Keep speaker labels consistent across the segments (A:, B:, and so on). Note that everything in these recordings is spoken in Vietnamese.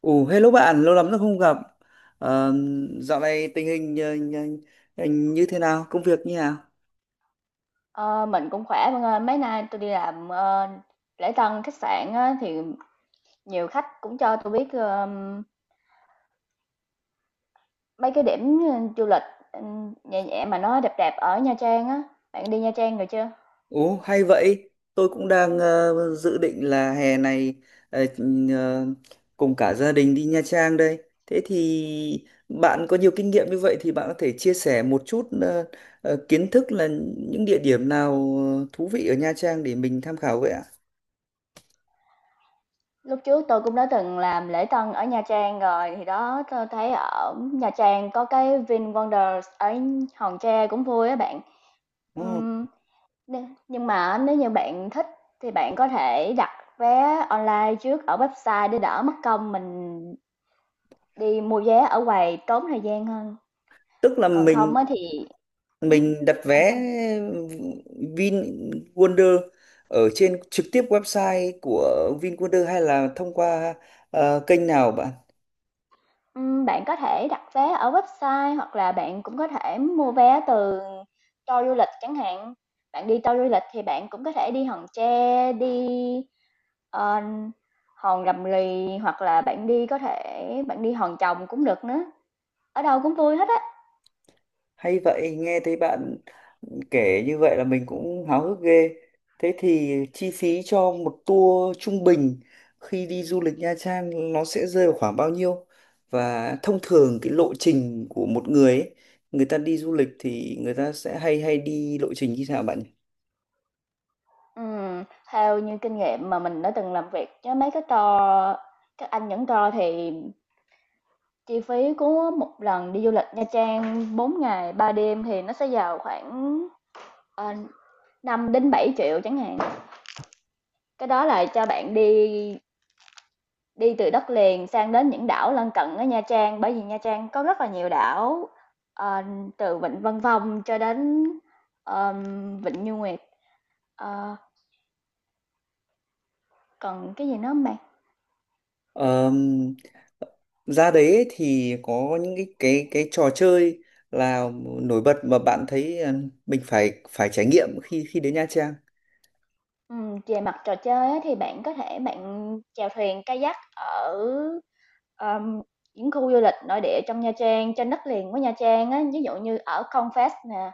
A: Ồ, hello bạn, lâu lắm rồi không gặp. Ờ, dạo này tình hình anh như thế nào, công việc như nào?
B: Ờ, mình cũng khỏe bạn ơi. Mấy nay tôi đi làm, lễ tân khách sạn á, thì nhiều khách cũng cho tôi biết, mấy cái điểm, du lịch, nhẹ nhẹ mà nó đẹp đẹp ở Nha Trang á. Bạn đi Nha Trang rồi chưa?
A: Ồ, hay vậy. Tôi cũng đang dự định là hè này ờ, ờ, cùng cả gia đình đi Nha Trang đây. Thế thì bạn có nhiều kinh nghiệm như vậy thì bạn có thể chia sẻ một chút kiến thức là những địa điểm nào thú vị ở Nha Trang để mình tham khảo vậy ạ?
B: Lúc trước tôi cũng đã từng làm lễ tân ở Nha Trang rồi, thì đó tôi thấy ở Nha Trang có cái VinWonders ở Hòn Tre cũng vui á bạn.
A: Ồ,
B: Ừm, nhưng mà nếu như bạn thích thì bạn có thể đặt vé online trước ở website để đỡ mất công mình đi mua vé ở quầy tốn thời gian hơn,
A: tức là
B: còn
A: mình
B: không á thì ừm,
A: mình đặt
B: sao bạn?
A: vé Vinwonder ở trên trực tiếp website của Vinwonder hay là thông qua kênh nào bạn?
B: Bạn có thể đặt vé ở website hoặc là bạn cũng có thể mua vé từ tour du lịch chẳng hạn. Bạn đi tour du lịch thì bạn cũng có thể đi Hòn Tre, đi, ờ, Hòn Rầm Rì hoặc là bạn đi có thể bạn đi Hòn chồng cũng được nữa, ở đâu cũng vui hết á.
A: Hay vậy, nghe thấy bạn kể như vậy là mình cũng háo hức ghê. Thế thì chi phí cho một tour trung bình khi đi du lịch Nha Trang nó sẽ rơi vào khoảng bao nhiêu? Và thông thường cái lộ trình của một người ấy, người ta đi du lịch thì người ta sẽ hay hay đi lộ trình như thế nào bạn
B: Ừm, Theo như kinh nghiệm mà mình đã từng làm việc với mấy cái tour các anh dẫn tour thì chi phí của một lần đi du lịch Nha Trang 4 ngày 3 đêm thì nó sẽ vào khoảng, ờ, 5 000 000 7 chẳng hạn. Cái đó là cho bạn đi đi từ đất liền sang đến những đảo lân cận ở Nha Trang, bởi vì Nha Trang có rất là nhiều đảo, ờ, từ Vịnh Vân Phong cho đến, ờm, Vịnh Như Nguyệt. Ờ, Còn cái gì nữa hông bạn?
A: nhỉ? Ra đấy ấy thì có những cái trò chơi là nổi bật mà bạn thấy mình phải phải trải nghiệm khi khi đến Nha Trang.
B: Về mặt trò chơi á, thì bạn có thể chèo thuyền kayak ở, ờm, những khu du lịch nội địa trong Nha Trang, trên đất liền của Nha Trang á, ví dụ như ở Con Fast nè,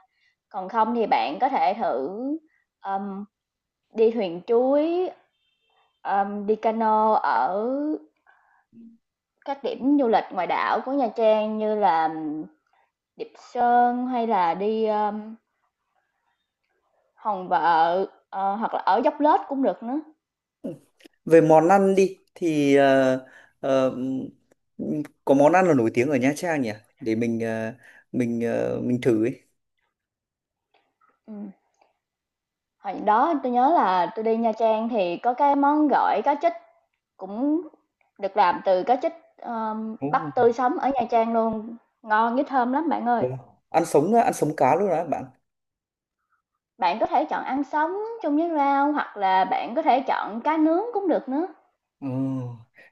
B: còn không thì bạn có thể thử, ờm, đi thuyền chuối, đi cano ở các điểm du lịch ngoài đảo của Nha Trang như là Điệp Sơn hay là đi, Hòn Vợ, hoặc là ở Dốc Lết cũng được nữa.
A: Về món ăn đi thì ờ, có món ăn là nổi tiếng ở Nha Trang nhỉ để mình thử ấy.
B: Ừm. Hồi đó tôi nhớ là tôi đi Nha Trang thì có cái món gỏi cá trích cũng được làm từ cá trích, ờ,
A: Ồ,
B: bắt tươi sống ở Nha Trang luôn, ngon với thơm lắm bạn ơi.
A: wow. Ăn sống á, ăn sống cá luôn đó bạn.
B: Bạn có thể chọn ăn sống chung với rau hoặc là bạn có thể chọn cá nướng cũng được nữa.
A: Ồ,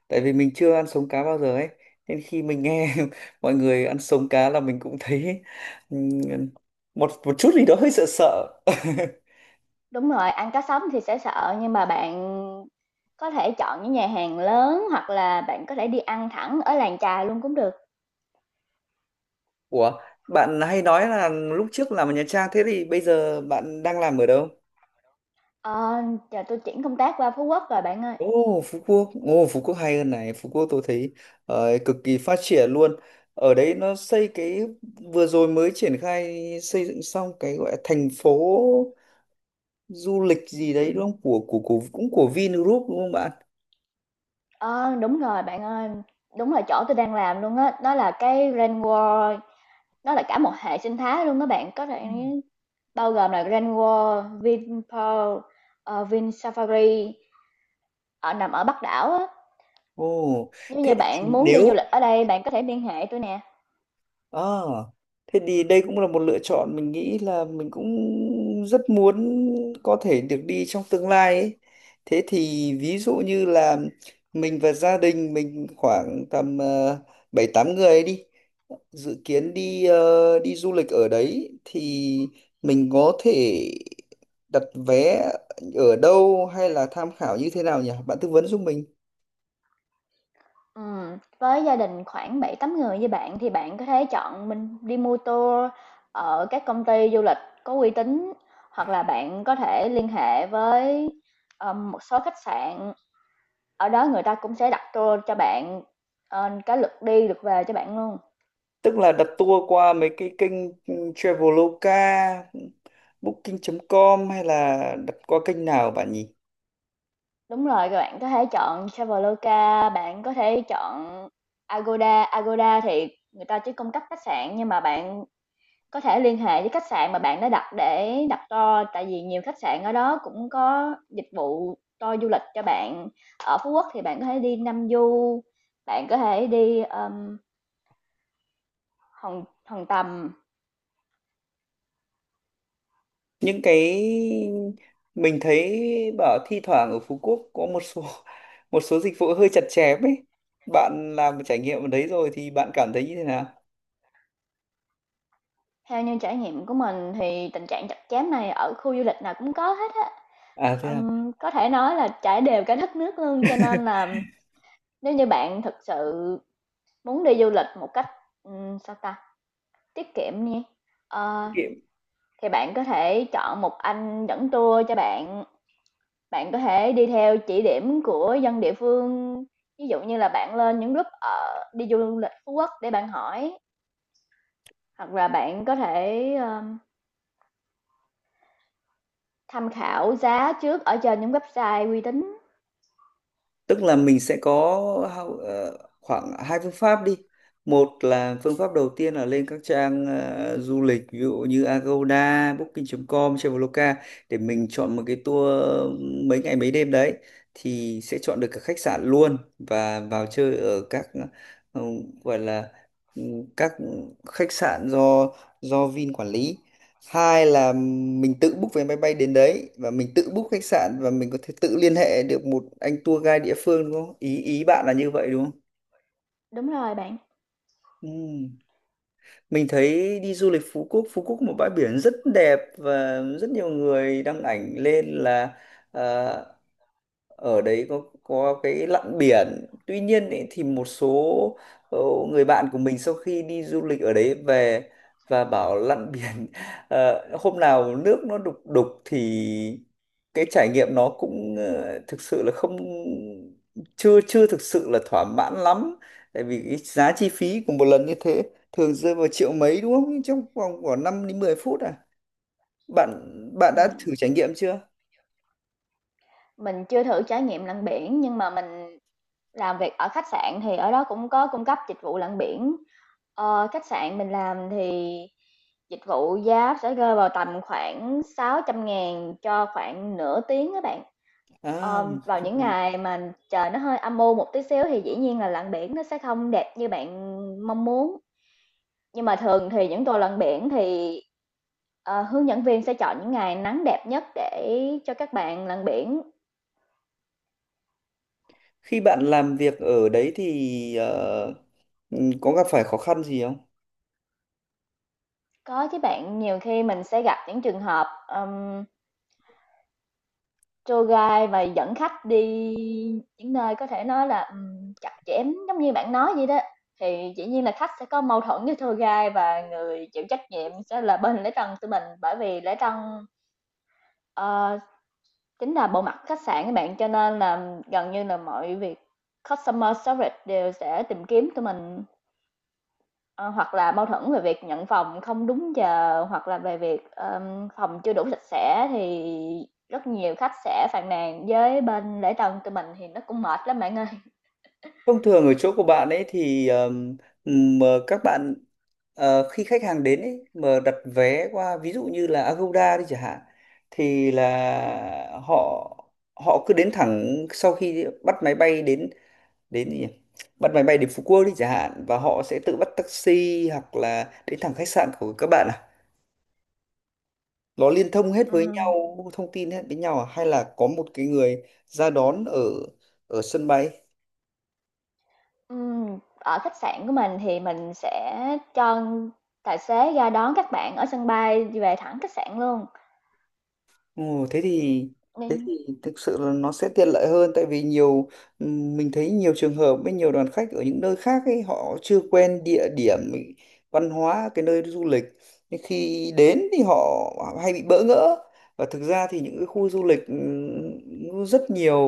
A: tại vì mình chưa ăn sống cá bao giờ ấy nên khi mình nghe mọi người ăn sống cá là mình cũng thấy ừm, một một chút gì đó hơi sợ sợ
B: Đúng rồi, ăn cá sống thì sẽ sợ nhưng mà bạn có thể chọn những nhà hàng lớn hoặc là bạn có thể đi ăn thẳng ở làng chài luôn cũng được.
A: Ủa, bạn hay nói là lúc trước làm ở Nha Trang thế thì bây giờ bạn đang làm ở đâu?
B: Ờ, Giờ tui chuyển công tác qua Phú Quốc rồi bạn ơi.
A: Ồ, Phú Quốc. Ồ, Phú Quốc hay hơn này. Phú Quốc tôi thấy cực kỳ phát triển luôn. Ở đấy nó xây cái vừa rồi mới triển khai xây dựng xong cái gọi là thành phố du lịch gì đấy đúng không? Của cũng của Vingroup đúng không bạn?
B: Ờ, Đúng rồi bạn ơi, đúng là chỗ tôi đang làm luôn á, nó là cái Rain World, nó là cả một hệ sinh thái luôn các bạn, có thể bao gồm là Rain World, Vinpearl, Vinsafari ở nằm ở Bắc đảo á.
A: Ồ,
B: Nếu như
A: thế
B: bạn
A: thì
B: muốn đi du
A: nếu
B: lịch ở đây, bạn có thể liên hệ tôi nè.
A: À, thế thì đây cũng là một lựa chọn mình nghĩ là mình cũng rất muốn có thể được đi trong tương lai ấy. Thế thì ví dụ như là mình và gia đình mình khoảng tầm bảy tám người ấy đi dự kiến đi đi du lịch ở đấy thì mình có thể đặt vé ở đâu hay là tham khảo như thế nào nhỉ? Bạn tư vấn giúp mình.
B: Với gia đình khoảng bảy tám người như bạn thì bạn có thể chọn mình đi mua tour ở các công ty du lịch có uy tín hoặc là bạn có thể liên hệ với một số khách sạn . Ở đó người ta cũng sẽ đặt tour cho bạn, cái lượt đi, lượt về cho bạn luôn.
A: Tức là đặt tour qua mấy cái kênh Traveloka, Booking.com hay là đặt qua kênh nào bạn nhỉ?
B: Đúng rồi, rồi bạn có thể chọn Traveloka, bạn có thể chọn Agoda. Agoda thì người ta chỉ cung cấp khách sạn nhưng mà bạn có thể liên hệ với khách sạn mà bạn đã đặt để đặt tour, tại vì nhiều khách sạn ở đó cũng có dịch vụ tour du lịch cho bạn. Ở Phú Quốc thì bạn có thể đi Nam Du, bạn có thể đi, Hòn Hòn Tầm.
A: Những cái mình thấy bảo thi thoảng ở Phú Quốc có một số một số dịch vụ hơi chặt chém ấy. Bạn làm một trải nghiệm ở đấy rồi thì bạn cảm thấy như thế nào?
B: Theo như trải nghiệm của mình thì tình trạng chặt chém này ở khu du lịch nào cũng có hết á.
A: À thế à?
B: Có thể nói là trải đều cả đất nước luôn, cho nên là nếu như bạn thực sự muốn đi du lịch một cách, sao ta, tiết kiệm đi, ờ,
A: Kệ.
B: thì bạn có thể chọn một anh dẫn tour cho bạn. Bạn có thể đi theo chỉ điểm của dân địa phương, ví dụ như là bạn lên những group ở đi du lịch Phú Quốc để bạn hỏi, hoặc là bạn có thể, tham khảo giá trước ở trên những website uy tín.
A: Tức là mình sẽ có khoảng hai phương pháp đi. Một là phương pháp đầu tiên là lên các trang du lịch ví dụ như Agoda, Booking.com, Traveloka để mình chọn một cái tour mấy ngày mấy đêm đấy thì sẽ chọn được cả khách sạn luôn và vào chơi ở các ừ, gọi là ừ, các khách sạn do Vin quản lý. Hai là mình tự book vé máy bay đến đấy và mình tự book khách sạn và mình có thể tự liên hệ được một anh tour guide địa phương đúng không ý ý bạn là như vậy đúng không?
B: Đúng rồi bạn.
A: Ừm. Mình thấy đi du lịch Phú Quốc Phú Quốc một bãi biển rất đẹp và rất nhiều người đăng ảnh lên là ờ, ở đấy có cái lặn biển tuy nhiên ý, thì một số ờ, người bạn của mình sau khi đi du lịch ở đấy về và bảo lặn biển hôm nào nước nó đục đục thì cái trải nghiệm nó cũng thực sự là không chưa chưa thực sự là thỏa mãn lắm tại vì cái giá chi phí của một lần như thế thường rơi vào triệu mấy đúng không? Nhưng trong vòng khoảng 5 đến 10 phút à bạn bạn đã
B: Ừm.
A: thử trải nghiệm chưa?
B: Mình chưa thử trải nghiệm lặn biển, nhưng mà mình làm việc ở khách sạn thì ở đó cũng có cung cấp dịch vụ lặn biển. Khách sạn mình làm thì dịch vụ giá sẽ rơi vào tầm khoảng 600.000 cho khoảng nửa tiếng các bạn.
A: À.
B: Vào những ngày mà trời nó hơi âm u một tí xíu thì dĩ nhiên là lặn biển nó sẽ không đẹp như bạn mong muốn. Nhưng mà thường thì những tour lặn biển thì, hướng dẫn viên sẽ chọn những ngày nắng đẹp nhất để cho các bạn lặn biển.
A: Khi bạn làm việc ở đấy thì có gặp phải khó khăn gì không?
B: Có chứ bạn, nhiều khi mình sẽ gặp những trường hợp, tour guide và dẫn khách đi những nơi có thể nói là, chặt chém giống như bạn nói vậy đó, thì dĩ nhiên là khách sẽ có mâu thuẫn với tour guide và người chịu trách nhiệm sẽ là bên lễ tân tụi mình, bởi vì lễ tân, ờ, chính là bộ mặt khách sạn các bạn, cho nên là gần như là mọi việc customer service đều sẽ tìm kiếm tụi mình, ờ, hoặc là mâu thuẫn về việc nhận phòng không đúng giờ, hoặc là về việc, phòng chưa đủ sạch sẽ thì rất nhiều khách sẽ phàn nàn với bên lễ tân tụi mình thì nó cũng mệt lắm bạn ơi.
A: Thông thường ở chỗ của bạn ấy thì mà các bạn khi khách hàng đến ấy mà đặt vé qua ví dụ như là Agoda đi chẳng hạn thì là họ họ cứ đến thẳng sau khi bắt máy bay đến đến gì nhỉ? Bắt máy bay đến Phú Quốc đi chẳng hạn và họ sẽ tự bắt taxi hoặc là đến thẳng khách sạn của các bạn à? Nó liên thông hết với nhau
B: Ừm,
A: thông tin hết với nhau à? Hay là có một cái người ra đón ở ở sân bay?
B: Ở khách sạn của mình thì mình sẽ cho tài xế ra đón các bạn ở sân bay về thẳng khách sạn luôn,
A: Ồ, thế thì thế
B: nên
A: thì thực sự là nó sẽ tiện lợi hơn tại vì nhiều mình thấy nhiều trường hợp với nhiều đoàn khách ở những nơi khác ấy họ chưa quen địa điểm ý, văn hóa cái nơi du lịch nhưng khi đến thì họ hay bị bỡ ngỡ và thực ra thì những cái khu du lịch rất nhiều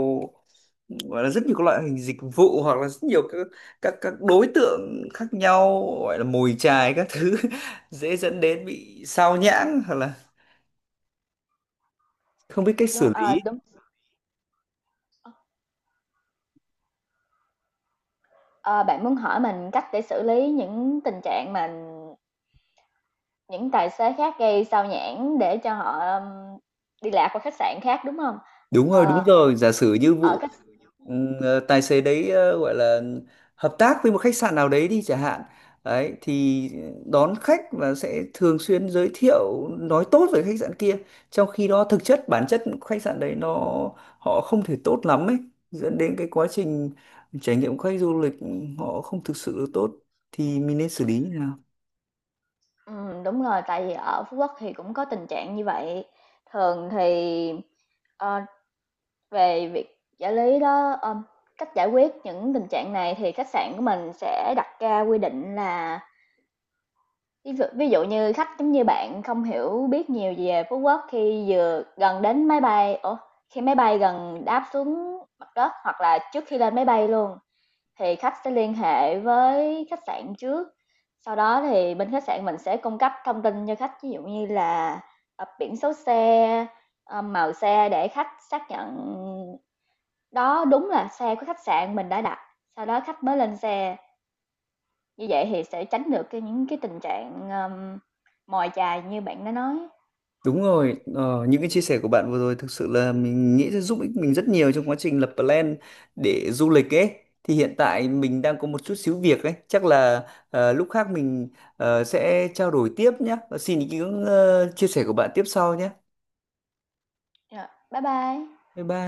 A: gọi là rất nhiều các loại hình dịch vụ hoặc là rất nhiều các đối tượng khác nhau gọi là mồi chài các thứ dễ dẫn đến bị sao nhãng hoặc là không biết cách
B: đúng,
A: xử lý.
B: đúng. Ờ, Bạn muốn hỏi mình cách để xử lý những tình trạng mà những tài xế khác gây xao nhãng để cho họ, đi lạc qua khách sạn khác, đúng không?
A: Đúng rồi, đúng
B: Ờ,
A: rồi. Giả sử như
B: ở
A: vụ
B: khách
A: tài xế đấy gọi là hợp tác với một khách sạn nào đấy đi chẳng hạn. Đấy, thì đón khách và sẽ thường xuyên giới thiệu nói tốt về khách sạn kia. Trong khi đó thực chất bản chất khách sạn đấy nó họ không thể tốt lắm ấy, dẫn đến cái quá trình trải nghiệm của khách du lịch họ không thực sự được tốt thì mình nên xử lý như nào?
B: Đúng rồi, tại vì ở Phú Quốc thì cũng có tình trạng như vậy. Thường thì, ờ, về việc giải lý đó, cách giải quyết những tình trạng này thì khách sạn của mình sẽ đặt ra quy định là ví dụ như khách giống như bạn không hiểu biết nhiều về Phú Quốc khi vừa gần đến máy bay, ủa, khi máy bay gần đáp xuống mặt đất hoặc là trước khi lên máy bay luôn thì khách sẽ liên hệ với khách sạn trước. Sau đó thì bên khách sạn mình sẽ cung cấp thông tin cho khách, ví dụ như là biển số xe, màu xe để khách xác nhận đó đúng là xe của khách sạn mình đã đặt. Sau đó khách mới lên xe. Như vậy thì sẽ tránh được cái những cái tình trạng, mồi chài như bạn đã nói.
A: Đúng rồi, những cái chia sẻ của bạn vừa rồi thực sự là mình nghĩ sẽ giúp ích mình rất nhiều trong quá trình lập plan để du lịch ấy. Thì hiện tại mình đang có một chút xíu việc ấy, chắc là lúc khác mình sẽ trao đổi tiếp nhé. Và xin ý kiến chia sẻ của bạn tiếp sau nhé.
B: Rồi, bye bye.
A: Bye bye.